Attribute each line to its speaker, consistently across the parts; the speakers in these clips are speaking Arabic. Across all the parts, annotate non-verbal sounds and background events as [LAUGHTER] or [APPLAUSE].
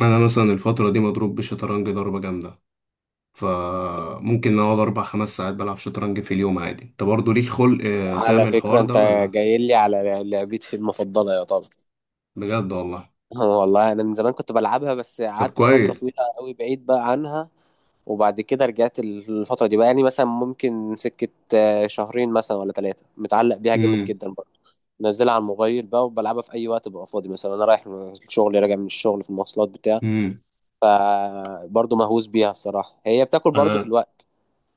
Speaker 1: انا مثلا الفتره دي مضروب بالشطرنج ضربه جامده. فممكن اقعد اربع خمس ساعات بلعب شطرنج في اليوم عادي. انت برضه ليك خلق
Speaker 2: على
Speaker 1: تعمل
Speaker 2: فكرة
Speaker 1: الحوار ده
Speaker 2: انت
Speaker 1: ولا؟
Speaker 2: جاي لي على لعبتي المفضلة يا طب.
Speaker 1: بجد والله.
Speaker 2: اه والله انا من زمان كنت بلعبها، بس
Speaker 1: طب
Speaker 2: قعدت فترة
Speaker 1: كويس.
Speaker 2: طويلة قوي بعيد بقى عنها. وبعد كده رجعت الفترة دي بقى، يعني مثلا ممكن سكة شهرين مثلا ولا ثلاثة، متعلق بيها جامد
Speaker 1: امم
Speaker 2: جدا برضه. منزلها على الموبايل بقى وبلعبها في اي وقت ببقى فاضي، مثلا انا رايح من الشغل راجع من الشغل في المواصلات بتاع.
Speaker 1: امم
Speaker 2: فبرضه مهووس بيها الصراحة، هي بتاكل برضه في
Speaker 1: انا
Speaker 2: الوقت،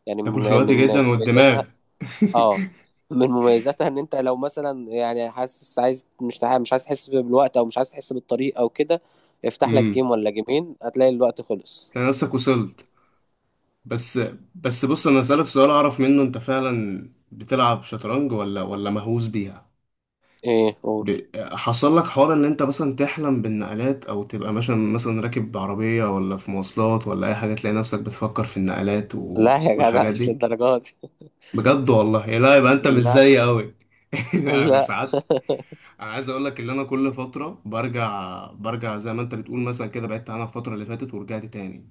Speaker 2: يعني
Speaker 1: تاكل في
Speaker 2: من
Speaker 1: الوقت
Speaker 2: من
Speaker 1: جدا والدماغ.
Speaker 2: مميزاتها.
Speaker 1: [LAUGHS]
Speaker 2: اه، من مميزاتها ان انت لو مثلا يعني حاسس عايز مش عايز تحس بالوقت او مش عايز تحس بالطريق او كده، افتح لك
Speaker 1: امم.
Speaker 2: جيم ولا جيمين هتلاقي الوقت خلص.
Speaker 1: انا نفسك وصلت. بس بس، بص، انا اسالك سؤال اعرف منه انت فعلا بتلعب شطرنج ولا مهووس بيها.
Speaker 2: ايه قول.
Speaker 1: ب... حصل لك حوار ان انت مثلا تحلم بالنقلات، او تبقى مثلا راكب عربية ولا في مواصلات ولا اي حاجة، تلاقي نفسك بتفكر في النقلات
Speaker 2: لا يا جدع
Speaker 1: والحاجات
Speaker 2: مش
Speaker 1: دي؟
Speaker 2: للدرجه دي.
Speaker 1: بجد والله؟ يا لا، يبقى انت مش
Speaker 2: لا.
Speaker 1: زيي قوي. [LAUGHS] لا، انا
Speaker 2: لا،
Speaker 1: ساعات انا عايز اقول لك ان انا كل فترة برجع. زي ما انت بتقول مثلا، كده بعدت عنها الفترة اللي فاتت ورجعت تاني.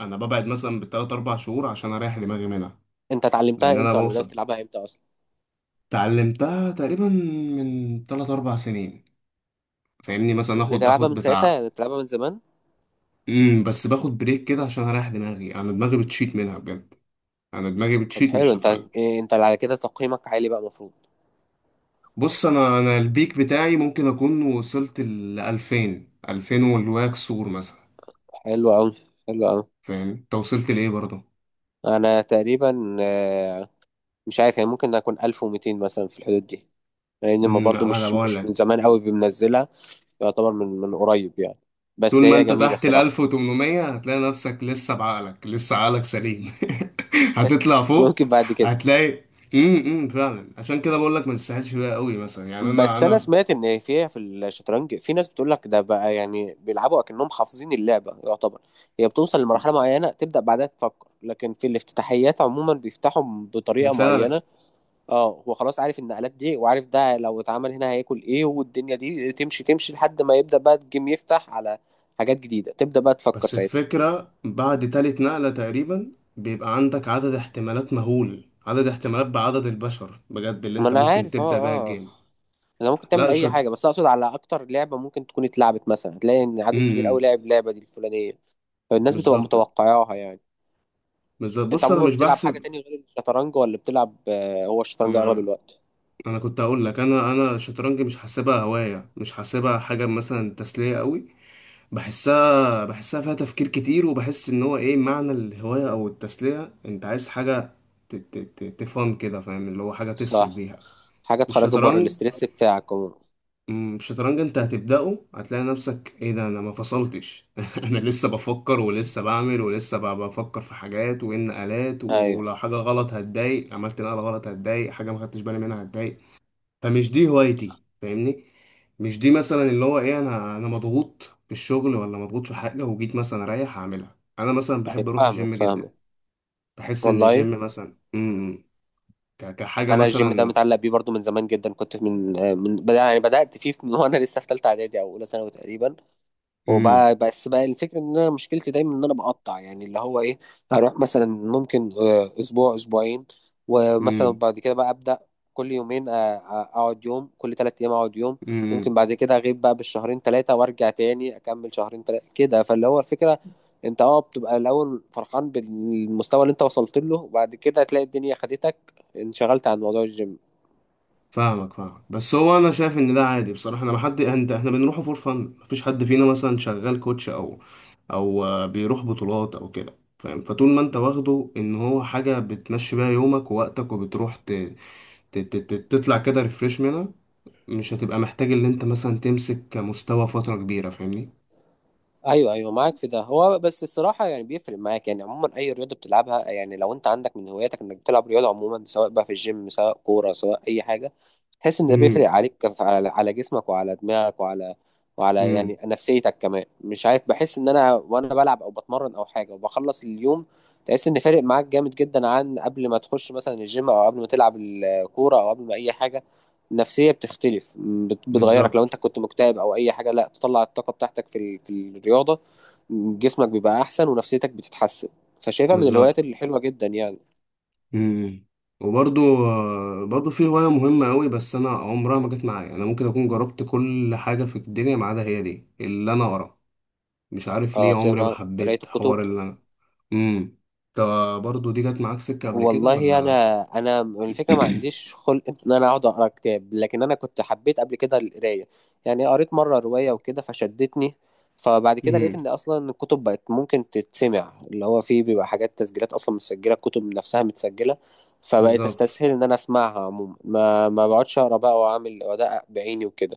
Speaker 1: انا ببعد مثلا بالتلات اربع شهور عشان اريح دماغي منها.
Speaker 2: انت
Speaker 1: لان
Speaker 2: اتعلمتها
Speaker 1: انا
Speaker 2: امتى ولا بدأت
Speaker 1: بوصل.
Speaker 2: تلعبها امتى اصلا؟
Speaker 1: اتعلمتها تقريبا من تلات اربع سنين. فاهمني؟ مثلا اخد
Speaker 2: بتلعبها
Speaker 1: اخد
Speaker 2: من ساعتها
Speaker 1: بتاع.
Speaker 2: يعني، بتلعبها من زمان؟
Speaker 1: امم، بس باخد بريك كده عشان اريح دماغي، انا دماغي بتشيت منها بجد. انا دماغي
Speaker 2: طب
Speaker 1: بتشيت من
Speaker 2: حلو، انت
Speaker 1: الشطرنج.
Speaker 2: إيه انت على كده تقييمك عالي بقى المفروض.
Speaker 1: بص، انا البيك بتاعي ممكن اكون وصلت ل 2000 2000 والواكسور مثلا.
Speaker 2: حلو قوي. حلو قوي.
Speaker 1: فاهم؟ انت وصلت لايه برضه؟
Speaker 2: انا تقريبا مش عارف يعني، ممكن اكون 1200 مثلا في الحدود دي، لان ما
Speaker 1: امم،
Speaker 2: برضو
Speaker 1: انا
Speaker 2: مش
Speaker 1: بقول
Speaker 2: مش من
Speaker 1: لك،
Speaker 2: زمان قوي بمنزلها، يعتبر من قريب يعني.
Speaker 1: طول
Speaker 2: بس
Speaker 1: ما
Speaker 2: هي
Speaker 1: انت
Speaker 2: جميله
Speaker 1: تحت ال
Speaker 2: صراحه.
Speaker 1: 1800 هتلاقي نفسك لسه بعقلك، لسه عقلك سليم. [LAUGHS] هتطلع
Speaker 2: [LAUGHS]
Speaker 1: فوق
Speaker 2: ممكن بعد كده.
Speaker 1: هتلاقي. امم، فعلا عشان كده بقول لك ما تستاهلش بيها قوي، مثلا يعني انا
Speaker 2: بس انا
Speaker 1: انا
Speaker 2: سمعت ان فيها في الشطرنج، في ناس بتقول لك ده بقى يعني بيلعبوا اكنهم حافظين اللعبه يعتبر. هي بتوصل لمرحله معينه تبدا بعدها تفكر، لكن في الافتتاحيات عموما بيفتحوا
Speaker 1: ده
Speaker 2: بطريقه
Speaker 1: فعلا.
Speaker 2: معينه. اه، هو خلاص عارف النقلات دي، وعارف ده لو اتعمل هنا هياكل ايه، والدنيا دي تمشي لحد ما يبدا بقى الجيم يفتح على حاجات جديده، تبدا بقى تفكر
Speaker 1: بس
Speaker 2: ساعتها.
Speaker 1: الفكرة بعد تالت نقلة تقريبا بيبقى عندك عدد احتمالات مهول، عدد احتمالات بعدد البشر بجد، اللي
Speaker 2: ما
Speaker 1: انت
Speaker 2: انا
Speaker 1: ممكن
Speaker 2: عارف،
Speaker 1: تبدأ
Speaker 2: اه
Speaker 1: بيها
Speaker 2: اه.
Speaker 1: الجيم.
Speaker 2: انا ممكن تعمل
Speaker 1: لا
Speaker 2: اي
Speaker 1: شط
Speaker 2: حاجه، بس اقصد على اكتر لعبه ممكن تكون اتلعبت مثلا، هتلاقي ان عدد كبير قوي
Speaker 1: امم.
Speaker 2: لعب اللعبه دي الفلانيه، فالناس بتبقى
Speaker 1: بالظبط،
Speaker 2: متوقعاها يعني.
Speaker 1: بالظبط.
Speaker 2: انت
Speaker 1: بص، انا
Speaker 2: عموما
Speaker 1: مش
Speaker 2: بتلعب حاجه
Speaker 1: بحسب.
Speaker 2: تانية غير الشطرنج ولا بتلعب هو الشطرنج اغلب
Speaker 1: ما
Speaker 2: الوقت؟
Speaker 1: انا كنت هقول لك، انا الشطرنج مش حاسبها هواية، مش حاسبها حاجة مثلا تسلية قوي. بحسها فيها تفكير كتير، وبحس ان هو ايه معنى الهواية او التسلية؟ انت عايز حاجة تفهم كده، فاهم؟ اللي هو حاجة تفصل
Speaker 2: صح،
Speaker 1: بيها.
Speaker 2: حاجه تخرجك بره
Speaker 1: الشطرنج،
Speaker 2: الاستريس بتاعك عموما.
Speaker 1: أمم، الشطرنج انت هتبدأه هتلاقي نفسك ايه ده، انا ما فصلتش. [LAUGHS] انا لسه بفكر، ولسه بعمل، ولسه بفكر في حاجات وان آلات،
Speaker 2: ايوه
Speaker 1: ولو حاجة غلط هتضايق، عملت نقلة غلط هتضايق، حاجة ما خدتش بالي منها هتضايق. فمش دي هوايتي، فاهمني؟ مش دي مثلا اللي هو ايه، انا مضغوط في الشغل ولا مضغوط في حاجة وجيت مثلا اريح هعملها. انا مثلا
Speaker 2: ايوه،
Speaker 1: بحب اروح الجيم
Speaker 2: فاهمك
Speaker 1: جدا.
Speaker 2: فاهمك.
Speaker 1: بحس ان
Speaker 2: والله
Speaker 1: الجيم مثلا امم، كحاجة
Speaker 2: انا الجيم ده
Speaker 1: مثلا.
Speaker 2: متعلق بيه برضو من زمان جدا، كنت من من بدأ يعني، بدات فيه من وانا لسه في ثالثه اعدادي او اولى ثانوي تقريبا.
Speaker 1: امم
Speaker 2: وبقى بس بقى الفكرة ان انا مشكلتي دايما ان انا بقطع، يعني اللي هو ايه، هروح مثلا ممكن اسبوع اسبوعين، ومثلا بعد كده بقى ابدا كل يومين اقعد يوم كل ثلاث ايام اقعد يوم. ممكن
Speaker 1: امم.
Speaker 2: بعد كده اغيب بقى بالشهرين ثلاثة وارجع تاني اكمل شهرين ثلاثة كده. فاللي هو الفكرة، انت اه بتبقى الاول فرحان بالمستوى اللي انت وصلت له، وبعد كده تلاقي الدنيا خدتك، انشغلت عن موضوع الجيم.
Speaker 1: فاهمك، فاهمك. بس هو انا شايف ان ده عادي بصراحه، انا ما حد، انت احنا بنروحه فور فن، مفيش حد فينا مثلا شغال كوتش، او او بيروح بطولات او كده، فاهم؟ فطول ما انت واخده ان هو حاجه بتمشي بيها يومك ووقتك، وبتروح تطلع كده ريفريش منها، مش هتبقى محتاج ان انت مثلا تمسك مستوى فتره كبيره، فاهمني؟
Speaker 2: ايوه ايوه، معاك في ده. هو بس الصراحه يعني بيفرق معاك يعني، عموما اي رياضه بتلعبها، يعني لو انت عندك من هواياتك انك بتلعب رياضه عموما، سواء بقى في الجيم سواء كوره سواء اي حاجه، تحس ان ده بيفرق
Speaker 1: امم
Speaker 2: عليك على على جسمك وعلى دماغك وعلى، وعلى
Speaker 1: امم.
Speaker 2: يعني نفسيتك كمان، مش عارف. بحس ان انا وانا بلعب او بتمرن او حاجه وبخلص اليوم، تحس ان فارق معاك جامد جدا عن قبل ما تخش مثلا الجيم او قبل ما تلعب الكوره او قبل ما اي حاجه. النفسيه بتختلف، بتغيرك
Speaker 1: بالظبط،
Speaker 2: لو انت كنت مكتئب او اي حاجه، لا تطلع الطاقه بتاعتك في في الرياضه. جسمك بيبقى احسن ونفسيتك بتتحسن، فشايفها من الهوايات
Speaker 1: بالظبط.
Speaker 2: الحلوه جدا يعني.
Speaker 1: امم. وبرضو برضو في هواية مهمة قوي، بس أنا عمرها ما جت معايا. أنا ممكن أكون جربت كل حاجة في الدنيا ما عدا هي دي اللي أنا ورا. مش عارف
Speaker 2: اه،
Speaker 1: ليه عمري ما
Speaker 2: تقرا قرايه
Speaker 1: حبيت
Speaker 2: الكتب.
Speaker 1: حوار اللي أنا. امم. طب برضو دي جت معاك سكة قبل كده
Speaker 2: والله
Speaker 1: ولا؟
Speaker 2: انا الفكره ما عنديش
Speaker 1: [CLEARS THROAT]
Speaker 2: خلق ان انا اقعد اقرا كتاب، لكن انا كنت حبيت قبل كده القرايه، يعني قريت مره روايه وكده فشدتني. فبعد كده لقيت
Speaker 1: امم.
Speaker 2: ان اصلا الكتب بقت ممكن تتسمع، اللي هو فيه بيبقى حاجات تسجيلات اصلا متسجله، الكتب نفسها متسجله. فبقيت
Speaker 1: بالظبط.
Speaker 2: استسهل ان انا اسمعها عموما، ما بقعدش اقرا بقى واعمل وادقق بعيني وكده.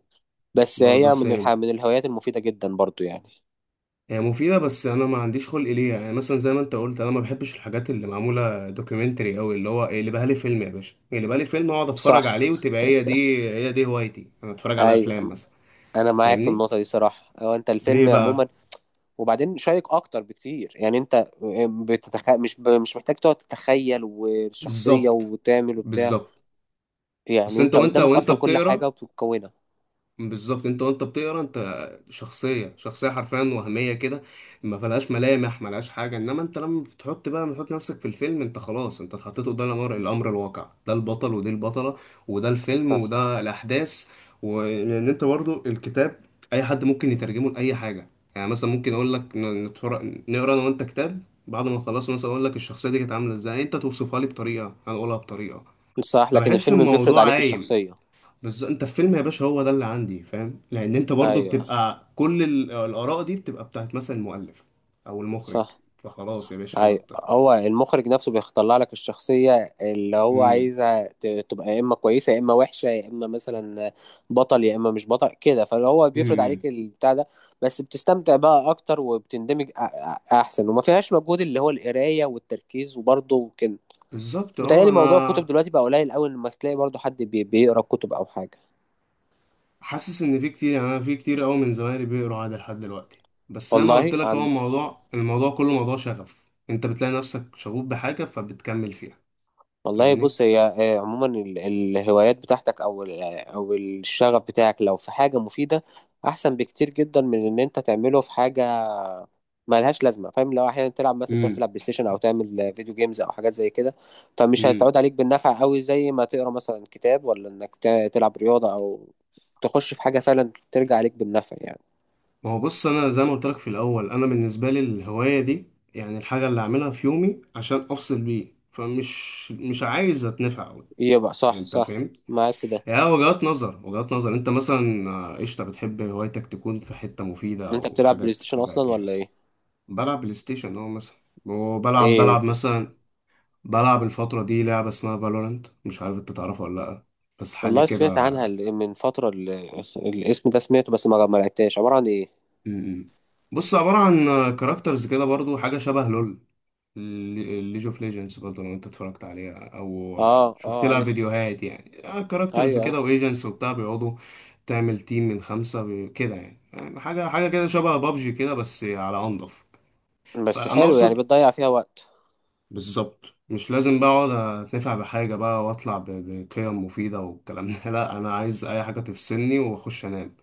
Speaker 2: بس
Speaker 1: برضو
Speaker 2: هي من
Speaker 1: سام،
Speaker 2: من الهوايات المفيده جدا برضو يعني.
Speaker 1: هي مفيدة، بس أنا ما عنديش خلق ليها. يعني مثلا زي ما أنت قلت، أنا ما بحبش الحاجات اللي معمولة دوكيومنتري أوي، اللي هو، اللي بقى لي فيلم يا باشا، اللي بقى لي فيلم أقعد أتفرج عليه
Speaker 2: صح.
Speaker 1: وتبقى هي دي. هي دي هوايتي، أنا أتفرج على أفلام
Speaker 2: ايوه
Speaker 1: مثلا.
Speaker 2: انا معاك في
Speaker 1: فاهمني؟
Speaker 2: النقطه دي صراحه، هو انت
Speaker 1: ليه
Speaker 2: الفيلم
Speaker 1: بقى؟
Speaker 2: عموما وبعدين شيق اكتر بكتير يعني. انت مش محتاج تقعد تتخيل والشخصيه
Speaker 1: بالظبط،
Speaker 2: وتعمل وبتاع،
Speaker 1: بالظبط.
Speaker 2: يعني
Speaker 1: اصل انت
Speaker 2: انت
Speaker 1: وانت
Speaker 2: قدامك
Speaker 1: وانت
Speaker 2: اصلا كل حاجه
Speaker 1: بتقرا.
Speaker 2: وبتكونها.
Speaker 1: بالظبط، انت وانت بتقرا انت شخصيه حرفيا وهميه كده. ما فيهاش ملامح، ما لهاش حاجه. انما انت لما بتحط بقى، بتحط نفسك في الفيلم، انت خلاص انت اتحطيت قدام الامر الواقع. ده البطل، ودي البطله، وده الفيلم،
Speaker 2: صح
Speaker 1: وده الاحداث. وان انت برضو الكتاب اي حد ممكن يترجمه لاي حاجه. يعني مثلا ممكن اقول لك نتفرج نقرا انا وانت كتاب، بعد ما خلصنا مثلا اقول لك الشخصيه دي كانت عامله ازاي، انت توصفها لي بطريقه، انا اقولها بطريقه.
Speaker 2: صح، لكن
Speaker 1: فبحس
Speaker 2: الفيلم بيفرض
Speaker 1: الموضوع
Speaker 2: عليك
Speaker 1: عايم.
Speaker 2: الشخصيه.
Speaker 1: بس انت في فيلم يا باشا هو ده اللي عندي فاهم. لان انت برضو
Speaker 2: ايوه.
Speaker 1: بتبقى كل الاراء دي بتبقى بتاعت مثلا المؤلف او المخرج.
Speaker 2: صح.
Speaker 1: فخلاص يا باشا انا
Speaker 2: اي، هو المخرج نفسه بيطلع لك الشخصية اللي هو
Speaker 1: امم.
Speaker 2: عايزها تبقى يا اما كويسة يا اما وحشة، يا اما مثلا بطل يا اما مش بطل كده، فاللي هو
Speaker 1: امم
Speaker 2: بيفرض
Speaker 1: امم.
Speaker 2: عليك البتاع ده. بس بتستمتع بقى اكتر وبتندمج احسن، وما فيهاش مجهود اللي هو القراية والتركيز وبرضه كده.
Speaker 1: بالظبط. اه
Speaker 2: متهيألي موضوع الكتب
Speaker 1: انا
Speaker 2: دلوقتي بقى قليل قوي لما تلاقي برضه حد بيقرا كتب او حاجة.
Speaker 1: حاسس ان في كتير، يعني انا في كتير قوي من زمايلي بيقروا عادي لحد دلوقتي. بس زي ما قلت
Speaker 2: والله
Speaker 1: لك، هو
Speaker 2: عن.
Speaker 1: الموضوع كله موضوع شغف. انت بتلاقي نفسك شغوف بحاجه فبتكمل فيها،
Speaker 2: والله
Speaker 1: فاهمني؟
Speaker 2: بص، هي عموما الهوايات بتاعتك او او الشغف بتاعك، لو في حاجه مفيده احسن بكتير جدا من ان انت تعمله في حاجه ملهاش لازمه، فاهم؟ لو احيانا تلعب مثلا، تروح
Speaker 1: امم
Speaker 2: تلعب بلاي ستيشن او تعمل فيديو جيمز او حاجات زي كده، فمش
Speaker 1: امم.
Speaker 2: هتعود عليك بالنفع قوي زي ما تقرا مثلا كتاب، ولا انك تلعب رياضه او تخش في حاجه فعلا ترجع عليك بالنفع يعني.
Speaker 1: ما هو بص انا زي ما قلت لك في الاول، انا بالنسبه لي الهوايه دي يعني الحاجه اللي اعملها في يومي عشان افصل بيه، فمش مش عايز اتنفع قوي.
Speaker 2: يبقى صح
Speaker 1: انت
Speaker 2: صح،
Speaker 1: فاهم؟
Speaker 2: معاك في ده.
Speaker 1: يعني وجهات نظر، وجهات نظر. انت مثلا قشطه بتحب هوايتك تكون في حته مفيده
Speaker 2: انت
Speaker 1: او
Speaker 2: بتلعب
Speaker 1: حاجه
Speaker 2: بلاي ستيشن
Speaker 1: تبقى
Speaker 2: اصلا
Speaker 1: بيها.
Speaker 2: ولا ايه؟
Speaker 1: بلعب بلاي ستيشن اه مثلا. وبلعب
Speaker 2: ايه.
Speaker 1: بلعب مثلا، بلعب الفتره دي لعبه اسمها فالورانت، مش عارف انت تعرفها ولا لا، بس حاجه
Speaker 2: والله
Speaker 1: كده.
Speaker 2: سمعت عنها من فترة، الاسم ده سمعته، بس ما لعبتهاش، عبارة عن ايه؟
Speaker 1: م- م. بص، عباره عن كاركترز كده، برضو حاجه شبه لول ليج اوف ليجندز، برضه لو انت اتفرجت عليها او
Speaker 2: اه
Speaker 1: شفت
Speaker 2: اه،
Speaker 1: لها
Speaker 2: عارفها.
Speaker 1: فيديوهات يعني. كاركترز
Speaker 2: ايوه ايوه.
Speaker 1: كده وايجنتس وبتاع بيقعدوا تعمل تيم من خمسة كده، يعني يعني حاجة كده شبه بابجي كده بس على أنضف.
Speaker 2: بس
Speaker 1: فأنا
Speaker 2: حلو يعني،
Speaker 1: أقصد،
Speaker 2: بتضيع فيها وقت.
Speaker 1: بالظبط، مش لازم بقى أقعد أتنفع بحاجة بقى وأطلع بقيم مفيدة والكلام ده. [LAUGHS] لا، أنا عايز أي حاجة تفصلني وأخش أنام.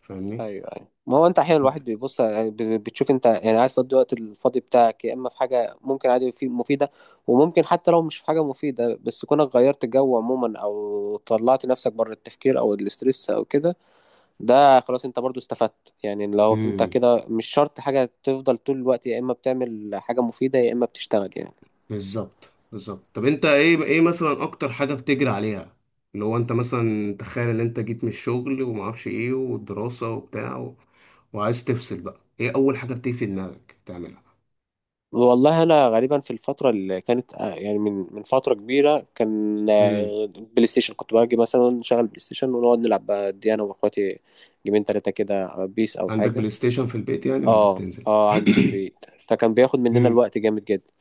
Speaker 1: فاهمني؟
Speaker 2: ايوه ايوه، ما هو انت احيانا الواحد بيبص يعني، بتشوف انت يعني عايز تقضي الوقت الفاضي بتاعك، يا اما في حاجة ممكن عادي في مفيدة، وممكن حتى لو مش في حاجة مفيدة بس كونك غيرت الجو عموما او طلعت نفسك بره التفكير او الاسترس او كده، ده خلاص انت برضو استفدت يعني. لو انت
Speaker 1: أنت-
Speaker 2: كده، مش شرط حاجة تفضل طول الوقت يا اما بتعمل حاجة مفيدة يا اما بتشتغل يعني.
Speaker 1: بالظبط، بالظبط. طب انت ايه، مثلا اكتر حاجه بتجري عليها اللي هو، انت مثلا تخيل ان انت جيت من الشغل وما اعرفش ايه، والدراسه وبتاع وعايز تفصل بقى، ايه اول حاجه بتيجي في دماغك تعملها؟
Speaker 2: والله انا غالبا في الفتره اللي كانت يعني من فتره كبيره كان
Speaker 1: امم.
Speaker 2: بلاي ستيشن، كنت باجي مثلا شغل بلاي ستيشن ونقعد نلعب بقى دي انا واخواتي جيمين تلاتة كده، بيس او
Speaker 1: عندك
Speaker 2: حاجه.
Speaker 1: بلاي ستيشن في البيت يعني ولا
Speaker 2: اه
Speaker 1: بتنزل؟
Speaker 2: اه، عندي في
Speaker 1: [CLEARS THROAT]
Speaker 2: البيت، فكان بياخد مننا
Speaker 1: امم
Speaker 2: الوقت جامد جدا.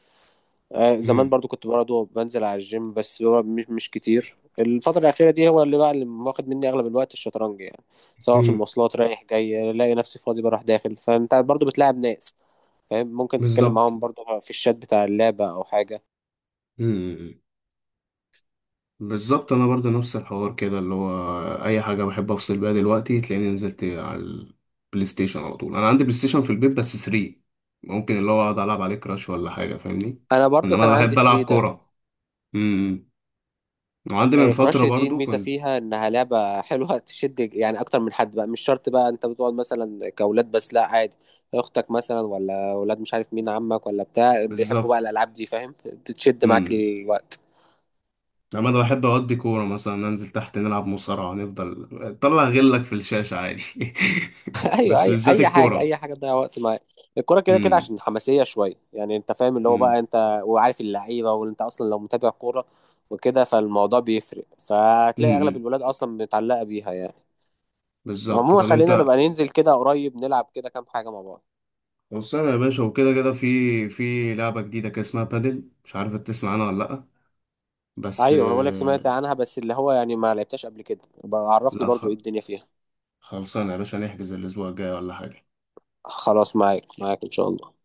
Speaker 2: آه زمان
Speaker 1: امم
Speaker 2: برضو كنت برضو بنزل على الجيم، بس هو مش كتير. الفتره الاخيره دي هو اللي بقى اللي واخد مني اغلب الوقت الشطرنج يعني، سواء في
Speaker 1: امم.
Speaker 2: المواصلات رايح جاي الاقي نفسي فاضي، بروح داخل فانت برضو بتلاعب ناس فاهم، ممكن تتكلم
Speaker 1: بالظبط،
Speaker 2: معاهم برضو في الشات بتاع اللعبة أو حاجة.
Speaker 1: بالظبط. انا برضه نفس الحوار كده، اللي هو اي حاجه بحب افصل بيها دلوقتي تلاقيني نزلت على البلاي ستيشن على طول. انا عندي بلاي ستيشن في البيت بس 3. ممكن اللي هو اقعد العب عليه كراش ولا حاجه،
Speaker 2: أنا
Speaker 1: فاهمني؟
Speaker 2: برضو
Speaker 1: انما
Speaker 2: كان
Speaker 1: انا
Speaker 2: عندي
Speaker 1: بحب
Speaker 2: 3
Speaker 1: العب
Speaker 2: ده.
Speaker 1: كوره. امم. وعندي من
Speaker 2: كراش
Speaker 1: فتره
Speaker 2: دي
Speaker 1: برضه
Speaker 2: الميزة
Speaker 1: كنت.
Speaker 2: فيها إنها لعبة حلوة تشد يعني أكتر من حد بقى، مش شرط بقى أنت بتقعد مثلا كأولاد، بس لا عادي، أختك مثلا ولا أولاد مش عارف مين، عمك ولا بتاع بيحبوا بقى
Speaker 1: بالظبط.
Speaker 2: الألعاب دي فاهم، بتشد معاك
Speaker 1: امم.
Speaker 2: الوقت.
Speaker 1: انما انا بحب اقضي كوره مثلا ننزل تحت نلعب مصارعه، نفضل طلع غلك في الشاشه عادي. [LAUGHS]
Speaker 2: [LAUGHS] ايوه،
Speaker 1: بس
Speaker 2: اي
Speaker 1: بالذات
Speaker 2: اي حاجه اي
Speaker 1: الكوره.
Speaker 2: حاجه تضيع وقت معاك. الكوره كده كده
Speaker 1: امم
Speaker 2: عشان حماسيه شويه يعني، انت فاهم اللي هو بقى
Speaker 1: امم
Speaker 2: انت وعارف اللعيبه، وانت اصلا لو متابع كوره وكده، فالموضوع بيفرق، فتلاقي اغلب
Speaker 1: امم.
Speaker 2: الولاد اصلا متعلقه بيها يعني.
Speaker 1: بالظبط. طب
Speaker 2: عموما خلينا
Speaker 1: انت
Speaker 2: نبقى ننزل كده قريب نلعب كده كام حاجه مع بعض.
Speaker 1: خلصانة يا باشا، وكده كده في في لعبة جديدة كده اسمها بادل، مش عارف إنت تسمع عنها ولا لأ، بس
Speaker 2: ايوه انا بقول لك سمعت عنها، بس اللي هو يعني ما لعبتهاش قبل كده، بقى عرفني
Speaker 1: لا
Speaker 2: برضو ايه الدنيا فيها.
Speaker 1: خلصانة يا باشا، نحجز الأسبوع الجاي ولا حاجة؟
Speaker 2: خلاص، معاك معاك ان شاء الله.